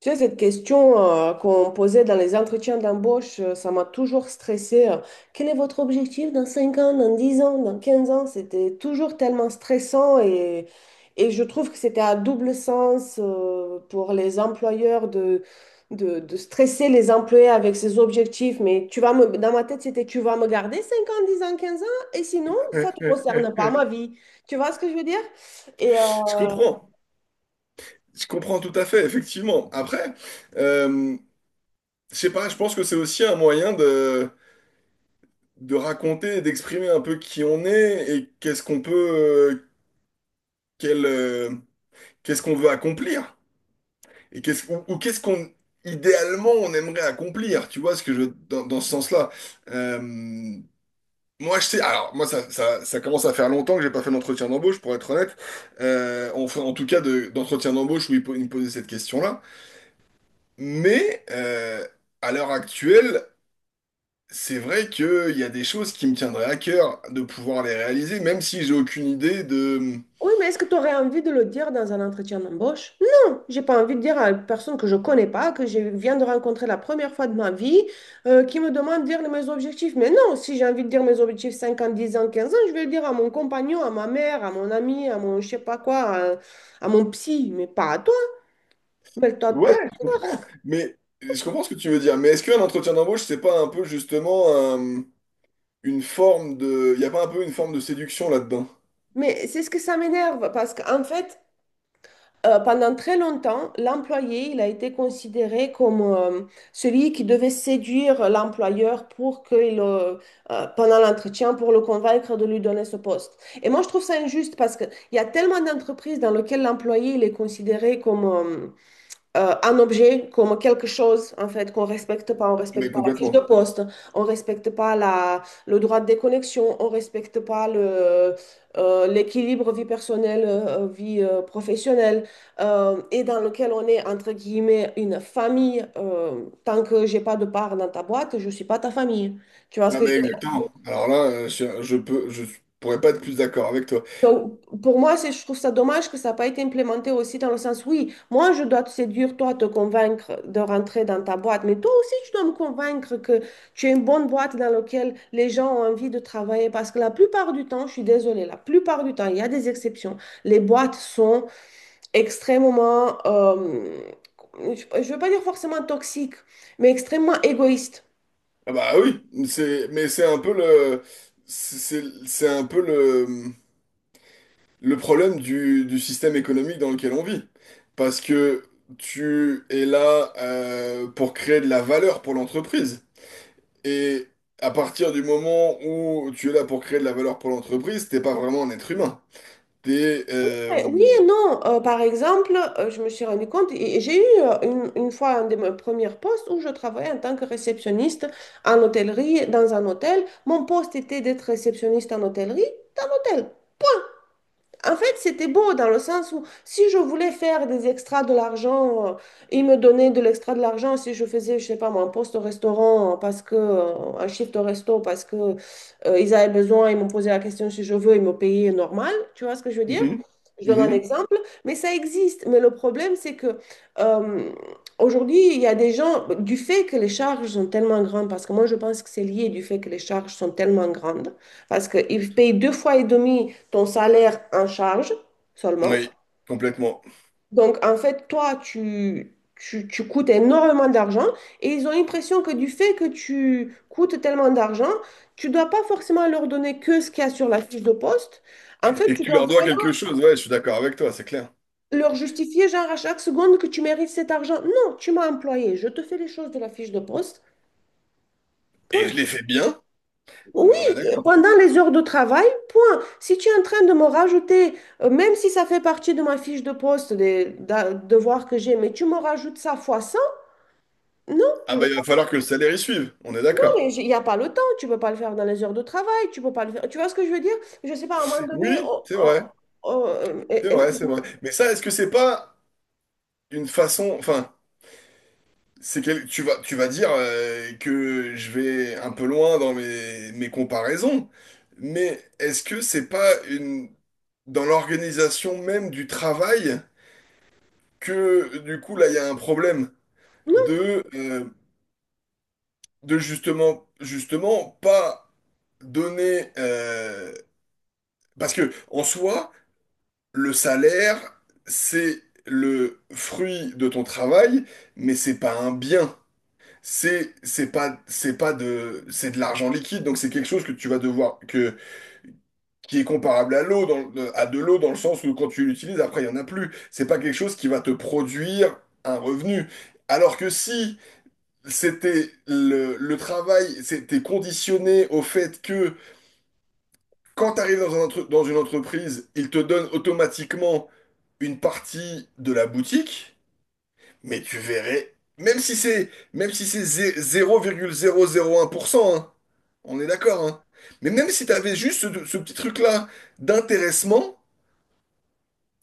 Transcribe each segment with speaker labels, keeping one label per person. Speaker 1: Tu sais, cette question qu'on posait dans les entretiens d'embauche, ça m'a toujours stressée. Quel est votre objectif dans 5 ans, dans 10 ans, dans 15 ans? C'était toujours tellement stressant et je trouve que c'était à double sens pour les employeurs de stresser les employés avec ces objectifs. Mais dans ma tête, c'était tu vas me garder 5 ans, 10 ans, 15 ans et sinon, ça
Speaker 2: Ouais,
Speaker 1: ne te
Speaker 2: ouais.
Speaker 1: concerne pas ma vie. Tu vois ce que je veux dire? Et, euh,
Speaker 2: Je comprends, je comprends tout à fait, effectivement. Après, euh, je sais pas, je pense que c'est aussi un moyen de, raconter, et d'exprimer un peu qui on est et qu'est-ce qu'on peut, euh, quel, euh, qu'est-ce qu'on veut accomplir et qu'est-ce ou qu'est-ce qu'on idéalement on aimerait accomplir. Tu vois ce que je dans ce sens-là. Euh, Moi, je sais. Alors, moi, ça commence à faire longtemps que j'ai pas fait d'entretien d'embauche, pour être honnête. Enfin, en tout cas, d'entretien d'embauche où ils me posaient cette question-là. Mais à l'heure actuelle, c'est vrai qu'il y a des choses qui me tiendraient à cœur de pouvoir les réaliser, même si j'ai aucune idée de...
Speaker 1: Oui, mais est-ce que tu aurais envie de le dire dans un entretien d'embauche? Non, j'ai pas envie de dire à une personne que je connais pas, que je viens de rencontrer la première fois de ma vie, qui me demande de dire mes objectifs. Mais non, si j'ai envie de dire mes objectifs 5 ans, 10 ans, 15 ans, je vais le dire à mon compagnon, à ma mère, à mon ami, à mon je sais pas quoi, à mon psy, mais pas à toi. Rappelle-toi de
Speaker 2: Ouais,
Speaker 1: tes-
Speaker 2: je comprends. Mais je comprends ce que tu veux dire. Mais est-ce qu'un entretien d'embauche, c'est pas un peu justement euh, une forme de... Il n'y a pas un peu une forme de séduction là-dedans?
Speaker 1: Mais c'est ce que ça m'énerve, parce qu'en fait, pendant très longtemps, l'employé, il a été considéré comme celui qui devait séduire l'employeur pour qu'il, pendant l'entretien, pour le convaincre de lui donner ce poste. Et moi, je trouve ça injuste parce qu'il y a tellement d'entreprises dans lesquelles l'employé, il est considéré comme, un objet comme quelque chose, en fait, qu'on respecte pas. On respecte
Speaker 2: Mais
Speaker 1: pas la fiche
Speaker 2: complètement.
Speaker 1: de poste, on respecte pas le droit de déconnexion, on respecte pas l'équilibre vie personnelle, vie professionnelle, et dans lequel on est, entre guillemets, une famille. Tant que j'ai pas de part dans ta boîte, je suis pas ta famille. Tu vois ce
Speaker 2: Ah
Speaker 1: que je.
Speaker 2: mais exactement. Alors là, je pourrais pas être plus d'accord avec toi.
Speaker 1: Donc, pour moi, je trouve ça dommage que ça n'a pas été implémenté aussi dans le sens, oui, moi, je dois te séduire, toi, te convaincre de rentrer dans ta boîte, mais toi aussi, tu dois me convaincre que tu es une bonne boîte dans laquelle les gens ont envie de travailler. Parce que la plupart du temps, je suis désolée, la plupart du temps, il y a des exceptions. Les boîtes sont extrêmement, je ne veux pas dire forcément toxiques, mais extrêmement égoïstes.
Speaker 2: Ah bah oui, c'est un peu c'est un peu le problème du système économique dans lequel on vit. Parce que tu es là pour créer de la valeur pour l'entreprise. Et à partir du moment où tu es là pour créer de la valeur pour l'entreprise, t'es pas vraiment un être humain. T'es... euh,
Speaker 1: Ouais, oui et non. Par exemple, je me suis rendu compte, et j'ai eu une fois un de mes premiers postes où je travaillais en tant que réceptionniste en hôtellerie, dans un hôtel. Mon poste était d'être réceptionniste en hôtellerie, dans l'hôtel. En fait, c'était beau dans le sens où si je voulais faire des extras de l'argent, ils me donnaient de l'extra de l'argent si je faisais, je sais pas moi, un poste au restaurant parce que un shift au resto parce que ils avaient besoin, ils m'ont posé la question si je veux, ils me payaient normal, tu vois ce que je veux dire?
Speaker 2: mhm,
Speaker 1: Je donne un
Speaker 2: mhm,
Speaker 1: exemple, mais ça existe. Mais le problème, c'est que euh, aujourd'hui, il y a des gens, du fait que les charges sont tellement grandes, parce que moi, je pense que c'est lié du fait que les charges sont tellement grandes. Parce qu'ils payent deux fois et demi ton salaire en charge seulement.
Speaker 2: oui, complètement.
Speaker 1: Donc, en fait, toi, tu coûtes énormément d'argent et ils ont l'impression que du fait que tu coûtes tellement d'argent, tu dois pas forcément leur donner que ce qu'il y a sur la fiche de poste. En fait,
Speaker 2: Et que
Speaker 1: tu
Speaker 2: tu
Speaker 1: dois
Speaker 2: leur dois
Speaker 1: vraiment
Speaker 2: quelque chose, ouais, je suis d'accord avec toi, c'est clair.
Speaker 1: leur justifier, genre, à chaque seconde que tu mérites cet argent. Non, tu m'as employé, je te fais les choses de la fiche de poste.
Speaker 2: Et je
Speaker 1: Point.
Speaker 2: l'ai fait bien. Ah, mais
Speaker 1: Oui,
Speaker 2: on est d'accord.
Speaker 1: pendant les heures de travail, point. Si tu es en train de me rajouter, même si ça fait partie de ma fiche de poste, des devoirs que j'ai, mais tu me rajoutes ça fois 100, non,
Speaker 2: Ah
Speaker 1: je vais
Speaker 2: bah il va
Speaker 1: pas.
Speaker 2: falloir que le salaire y suive, on est
Speaker 1: Non,
Speaker 2: d'accord.
Speaker 1: mais il n'y a pas le temps, tu peux pas le faire dans les heures de travail, tu peux pas le faire. Tu vois ce que je veux dire? Je sais pas, à un moment donné,
Speaker 2: Oui,
Speaker 1: oh,
Speaker 2: c'est
Speaker 1: oh,
Speaker 2: vrai,
Speaker 1: oh,
Speaker 2: c'est vrai, c'est
Speaker 1: excuse-moi.
Speaker 2: vrai. Mais ça, est-ce que c'est pas... une façon, enfin, tu vas dire que je vais un peu loin dans mes comparaisons, mais est-ce que c'est pas une, dans l'organisation même du travail que du coup là il y a un problème de, euh, de justement, pas donner, parce que en soi, le salaire, c'est le fruit de ton travail, mais c'est pas un bien. C'est pas de c'est de l'argent liquide donc c'est quelque chose que tu vas devoir que qui est comparable à à de l'eau dans le sens où quand tu l'utilises après il y en a plus, c'est pas quelque chose qui va te produire un revenu, alors que si le travail c'était conditionné au fait que quand tu arrives dans dans une entreprise, ils te donnent automatiquement une partie de la boutique. Mais tu verrais, même si c'est 0,001%, hein, on est d'accord, hein. Mais même si t'avais juste ce petit truc-là d'intéressement,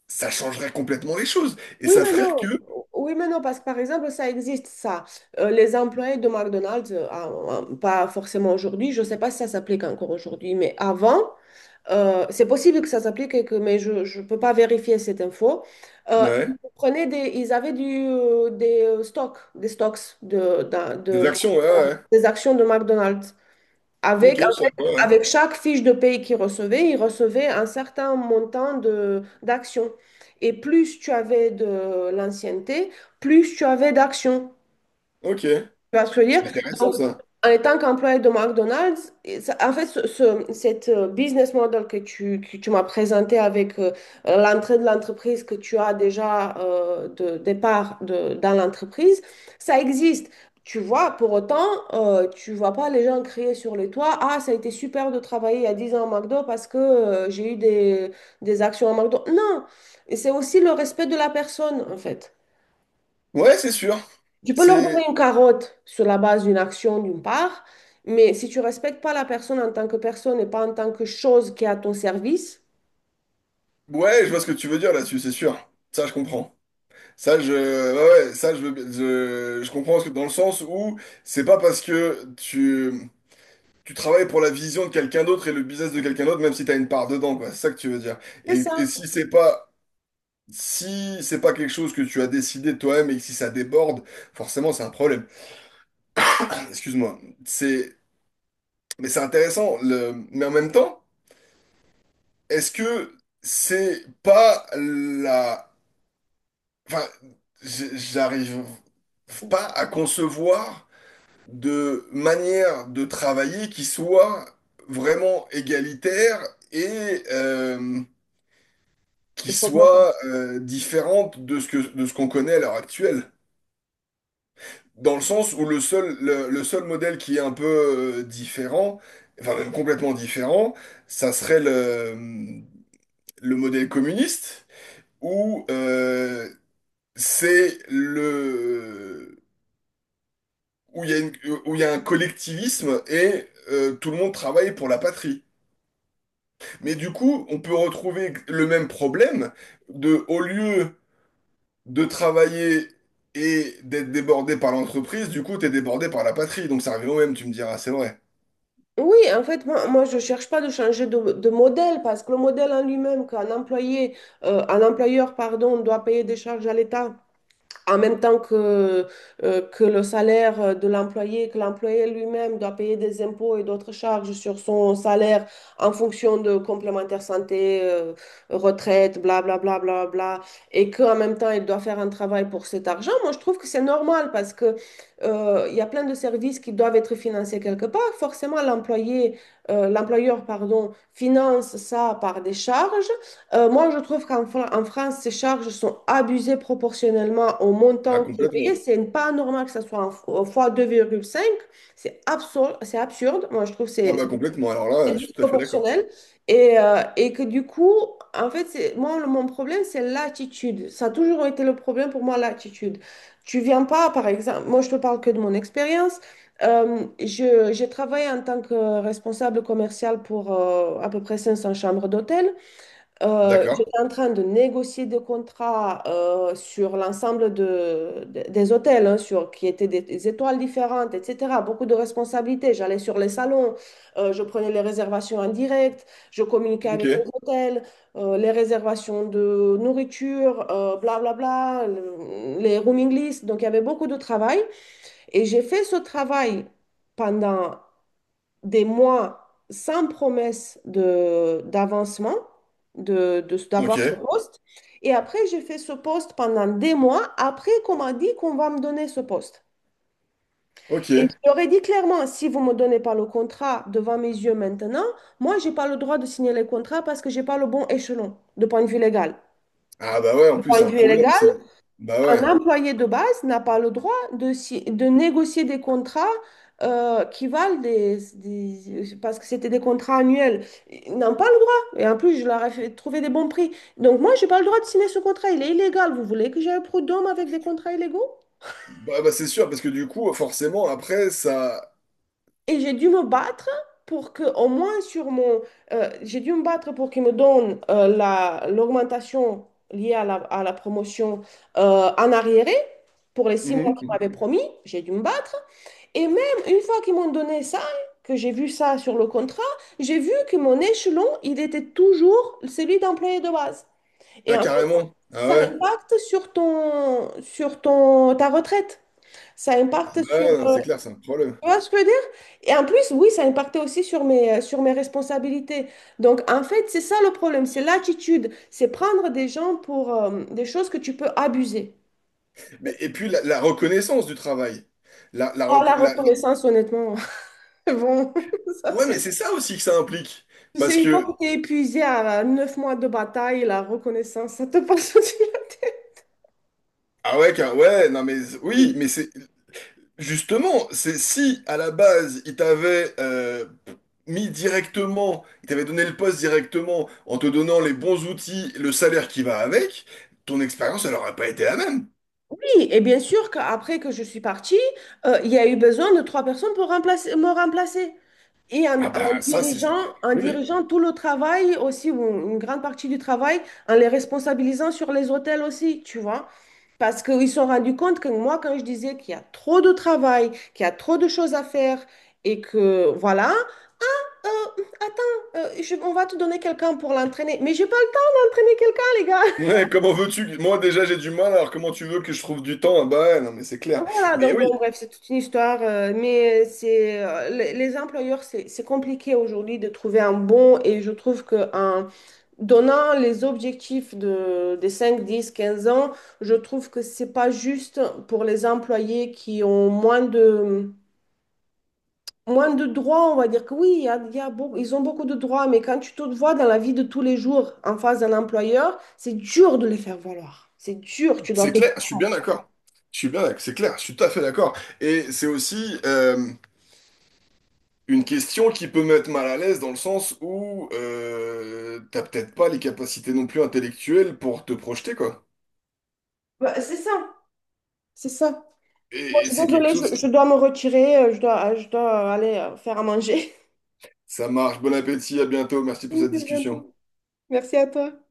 Speaker 2: ça changerait complètement les choses. Et
Speaker 1: Oui,
Speaker 2: ça
Speaker 1: mais
Speaker 2: ferait
Speaker 1: non.
Speaker 2: que...
Speaker 1: Oui, mais non, parce que par exemple, ça existe, ça. Les employés de McDonald's, ah, ah, pas forcément aujourd'hui, je ne sais pas si ça s'applique encore aujourd'hui, mais avant, c'est possible que ça s'applique, mais je ne peux pas vérifier cette info. Ils
Speaker 2: Ouais,
Speaker 1: prenaient ils avaient du, des stocks, des stocks
Speaker 2: des actions, ouais, ouais.
Speaker 1: des actions de McDonald's.
Speaker 2: Ouais. Ok,
Speaker 1: Avec, en
Speaker 2: je sais pas,
Speaker 1: fait,
Speaker 2: ouais.
Speaker 1: avec chaque fiche de paye qu'il recevait, il recevait un certain montant de d'actions. Et plus tu avais de l'ancienneté, plus tu avais d'actions.
Speaker 2: Ok,
Speaker 1: Tu
Speaker 2: c'est
Speaker 1: vois ce que je veux dire?
Speaker 2: intéressant
Speaker 1: Donc,
Speaker 2: ça.
Speaker 1: en tant qu'employé de McDonald's, en fait, cette business model que tu m'as présenté avec l'entrée de l'entreprise que tu as déjà de départ dans l'entreprise, ça existe. Tu vois, pour autant, tu vois pas les gens crier sur les toits, ah, ça a été super de travailler il y a 10 ans à McDo parce que j'ai eu des actions à McDo. Non. Et c'est aussi le respect de la personne, en fait.
Speaker 2: Ouais, c'est sûr.
Speaker 1: Tu peux leur donner
Speaker 2: C'est...
Speaker 1: une carotte sur la base d'une action d'une part, mais si tu respectes pas la personne en tant que personne et pas en tant que chose qui est à ton service,
Speaker 2: Ouais, je vois ce que tu veux dire là-dessus, c'est sûr. Ça, je comprends. Ça, je... Ouais, ouais, ça, je veux... Je comprends ce que... dans le sens où c'est pas parce que tu... Tu travailles pour la vision de quelqu'un d'autre et le business de quelqu'un d'autre, même si tu as une part dedans, quoi. C'est ça que tu veux dire.
Speaker 1: c'est ça.
Speaker 2: Si c'est pas, si c'est pas quelque chose que tu as décidé toi-même et que si ça déborde, forcément, c'est un problème. Excuse-moi. C'est, c'est intéressant. Mais en même temps, est-ce que c'est pas la, enfin, j'arrive pas à concevoir de manière de travailler qui soit vraiment égalitaire et, qui
Speaker 1: Je comprends pas.
Speaker 2: soit différente de de ce qu'on connaît à l'heure actuelle. Dans le sens où le seul modèle qui est un peu différent, enfin même complètement différent, ça serait le modèle communiste, où c'est le où il y a où il y a un collectivisme et tout le monde travaille pour la patrie. Mais du coup, on peut retrouver le même problème de au lieu de travailler et d'être débordé par l'entreprise, du coup, t'es débordé par la patrie. Donc ça revient au même, tu me diras, c'est vrai.
Speaker 1: Oui, en fait, moi, moi je ne cherche pas de changer de modèle parce que le modèle en lui-même, qu'un employé, un employeur, pardon, doit payer des charges à l'État en même temps que le salaire de l'employé, que l'employé lui-même doit payer des impôts et d'autres charges sur son salaire en fonction de complémentaire santé, retraite, bla bla bla bla bla, et qu'en même temps il doit faire un travail pour cet argent, moi je trouve que c'est normal parce que il y a plein de services qui doivent être financés quelque part. Forcément, l'employé, l'employeur, pardon, finance ça par des charges. Moi, je trouve qu'en en France, ces charges sont abusées proportionnellement au
Speaker 2: Ah,
Speaker 1: montant qui est payé.
Speaker 2: complètement.
Speaker 1: C'est pas normal que ça soit en fois 2,5. C'est absurde, c'est absurde. Moi, je trouve que
Speaker 2: Ah
Speaker 1: c'est
Speaker 2: bah complètement, alors
Speaker 1: c'est
Speaker 2: là,
Speaker 1: très
Speaker 2: je suis tout à fait d'accord.
Speaker 1: disproportionnel. Et que du coup, en fait, c'est, moi, mon problème, c'est l'attitude. Ça a toujours été le problème pour moi, l'attitude. Tu viens pas, par exemple, moi, je te parle que de mon expérience. J'ai travaillé en tant que responsable commercial pour à peu près 500 chambres d'hôtel.
Speaker 2: D'accord.
Speaker 1: J'étais en train de négocier des contrats sur l'ensemble des hôtels, hein, qui étaient des étoiles différentes, etc. Beaucoup de responsabilités. J'allais sur les salons, je prenais les réservations en direct, je communiquais avec les
Speaker 2: Ok.
Speaker 1: hôtels, les réservations de nourriture, bla bla bla, les rooming lists. Donc, il y avait beaucoup de travail. Et j'ai fait ce travail pendant des mois sans promesse d'avancement,
Speaker 2: Ok.
Speaker 1: d'avoir ce poste. Et après, j'ai fait ce poste pendant des mois, après qu'on m'a dit qu'on va me donner ce poste. Et je
Speaker 2: Ok.
Speaker 1: leur ai dit clairement, si vous ne me donnez pas le contrat devant mes yeux maintenant, moi, je n'ai pas le droit de signer les contrats parce que je n'ai pas le bon échelon de point de vue légal.
Speaker 2: Ah bah ouais, en
Speaker 1: De
Speaker 2: plus,
Speaker 1: point
Speaker 2: c'est
Speaker 1: de
Speaker 2: un
Speaker 1: vue
Speaker 2: problème.
Speaker 1: légal,
Speaker 2: C'est... Bah
Speaker 1: un
Speaker 2: ouais.
Speaker 1: employé de base n'a pas le droit de, si- de négocier des contrats qui valent des. Parce que c'était des contrats annuels. Ils n'ont pas le droit. Et en plus, je leur ai fait trouver des bons prix. Donc moi, j'ai pas le droit de signer ce contrat. Il est illégal. Vous voulez que j'aille au prud'homme avec des contrats illégaux?
Speaker 2: Bah c'est sûr, parce que du coup, forcément, après, ça...
Speaker 1: Et j'ai dû me battre pour que, au moins sur mon. J'ai dû me battre pour qu'ils me donnent l'augmentation liée à la promotion en arriéré pour les 6 mois
Speaker 2: Mhm,
Speaker 1: qu'ils m'avaient
Speaker 2: mhm.
Speaker 1: promis. J'ai dû me battre. Et même une fois qu'ils m'ont donné ça, que j'ai vu ça sur le contrat, j'ai vu que mon échelon, il était toujours celui d'employé de base. Et
Speaker 2: Ah
Speaker 1: en fait,
Speaker 2: carrément. Ah
Speaker 1: ça
Speaker 2: ouais.
Speaker 1: impacte sur ton, ta retraite. Ça
Speaker 2: Ah
Speaker 1: impacte sur.
Speaker 2: ouais, non, c'est clair, c'est un problème.
Speaker 1: Tu vois ce que je veux dire? Et en plus, oui, ça impactait aussi sur mes responsabilités. Donc, en fait, c'est ça le problème, c'est l'attitude. C'est prendre des gens pour des choses que tu peux abuser.
Speaker 2: Mais, et puis la reconnaissance du travail. La,
Speaker 1: Ah, la
Speaker 2: reco- la- la-
Speaker 1: reconnaissance, honnêtement, bon, ça
Speaker 2: Ouais, mais
Speaker 1: c'est.
Speaker 2: c'est ça aussi que ça implique.
Speaker 1: Tu
Speaker 2: Parce
Speaker 1: sais, une fois
Speaker 2: que
Speaker 1: que tu es épuisé à 9 mois de bataille, la reconnaissance, ça te passe au-dessus de la tête.
Speaker 2: ah ouais, ouais, non mais oui, mais c'est justement, c'est si à la base il t'avait il t'avait donné le poste directement en te donnant les bons outils, le salaire qui va avec, ton expérience elle aurait pas été la même.
Speaker 1: Oui, et bien sûr qu'après que je suis partie, il y a eu besoin de trois personnes pour me remplacer. Et
Speaker 2: Ah bah ça c'est
Speaker 1: en
Speaker 2: oui.
Speaker 1: dirigeant tout le travail aussi, ou une grande partie du travail, en les responsabilisant sur les hôtels aussi, tu vois. Parce qu'ils se sont rendus compte que moi, quand je disais qu'il y a trop de travail, qu'il y a trop de choses à faire, et que voilà, Euh, attends, on va te donner quelqu'un pour l'entraîner. Mais j'ai pas le temps d'entraîner quelqu'un, les gars.
Speaker 2: Ouais, comment veux-tu? Moi déjà j'ai du mal, alors comment tu veux que je trouve du temps? Ah bah ouais, non mais c'est clair.
Speaker 1: Voilà,
Speaker 2: Mais
Speaker 1: donc bon,
Speaker 2: oui,
Speaker 1: bref, c'est toute une histoire. Mais c'est les employeurs, c'est compliqué aujourd'hui de trouver un bon. Et je trouve que en donnant les objectifs des 5, 10, 15 ans, je trouve que c'est pas juste pour les employés qui ont moins de droits, on va dire que oui, il y a beau- ils ont beaucoup de droits, mais quand tu te vois dans la vie de tous les jours en face d'un employeur, c'est dur de les faire valoir. C'est dur, tu dois
Speaker 2: c'est
Speaker 1: te.
Speaker 2: clair, je suis bien d'accord. Je suis bien d'accord, c'est clair, je suis tout à fait d'accord. Et c'est aussi une question qui peut mettre mal à l'aise dans le sens où t'as peut-être pas les capacités non plus intellectuelles pour te projeter, quoi.
Speaker 1: Bah, c'est ça, c'est ça. Moi, je suis
Speaker 2: C'est quelque
Speaker 1: désolée,
Speaker 2: chose
Speaker 1: je
Speaker 2: qui...
Speaker 1: dois me retirer, je dois aller faire à manger.
Speaker 2: Ça marche. Bon appétit, à bientôt. Merci pour
Speaker 1: Oui,
Speaker 2: cette
Speaker 1: c'est
Speaker 2: discussion.
Speaker 1: bientôt. Merci à toi.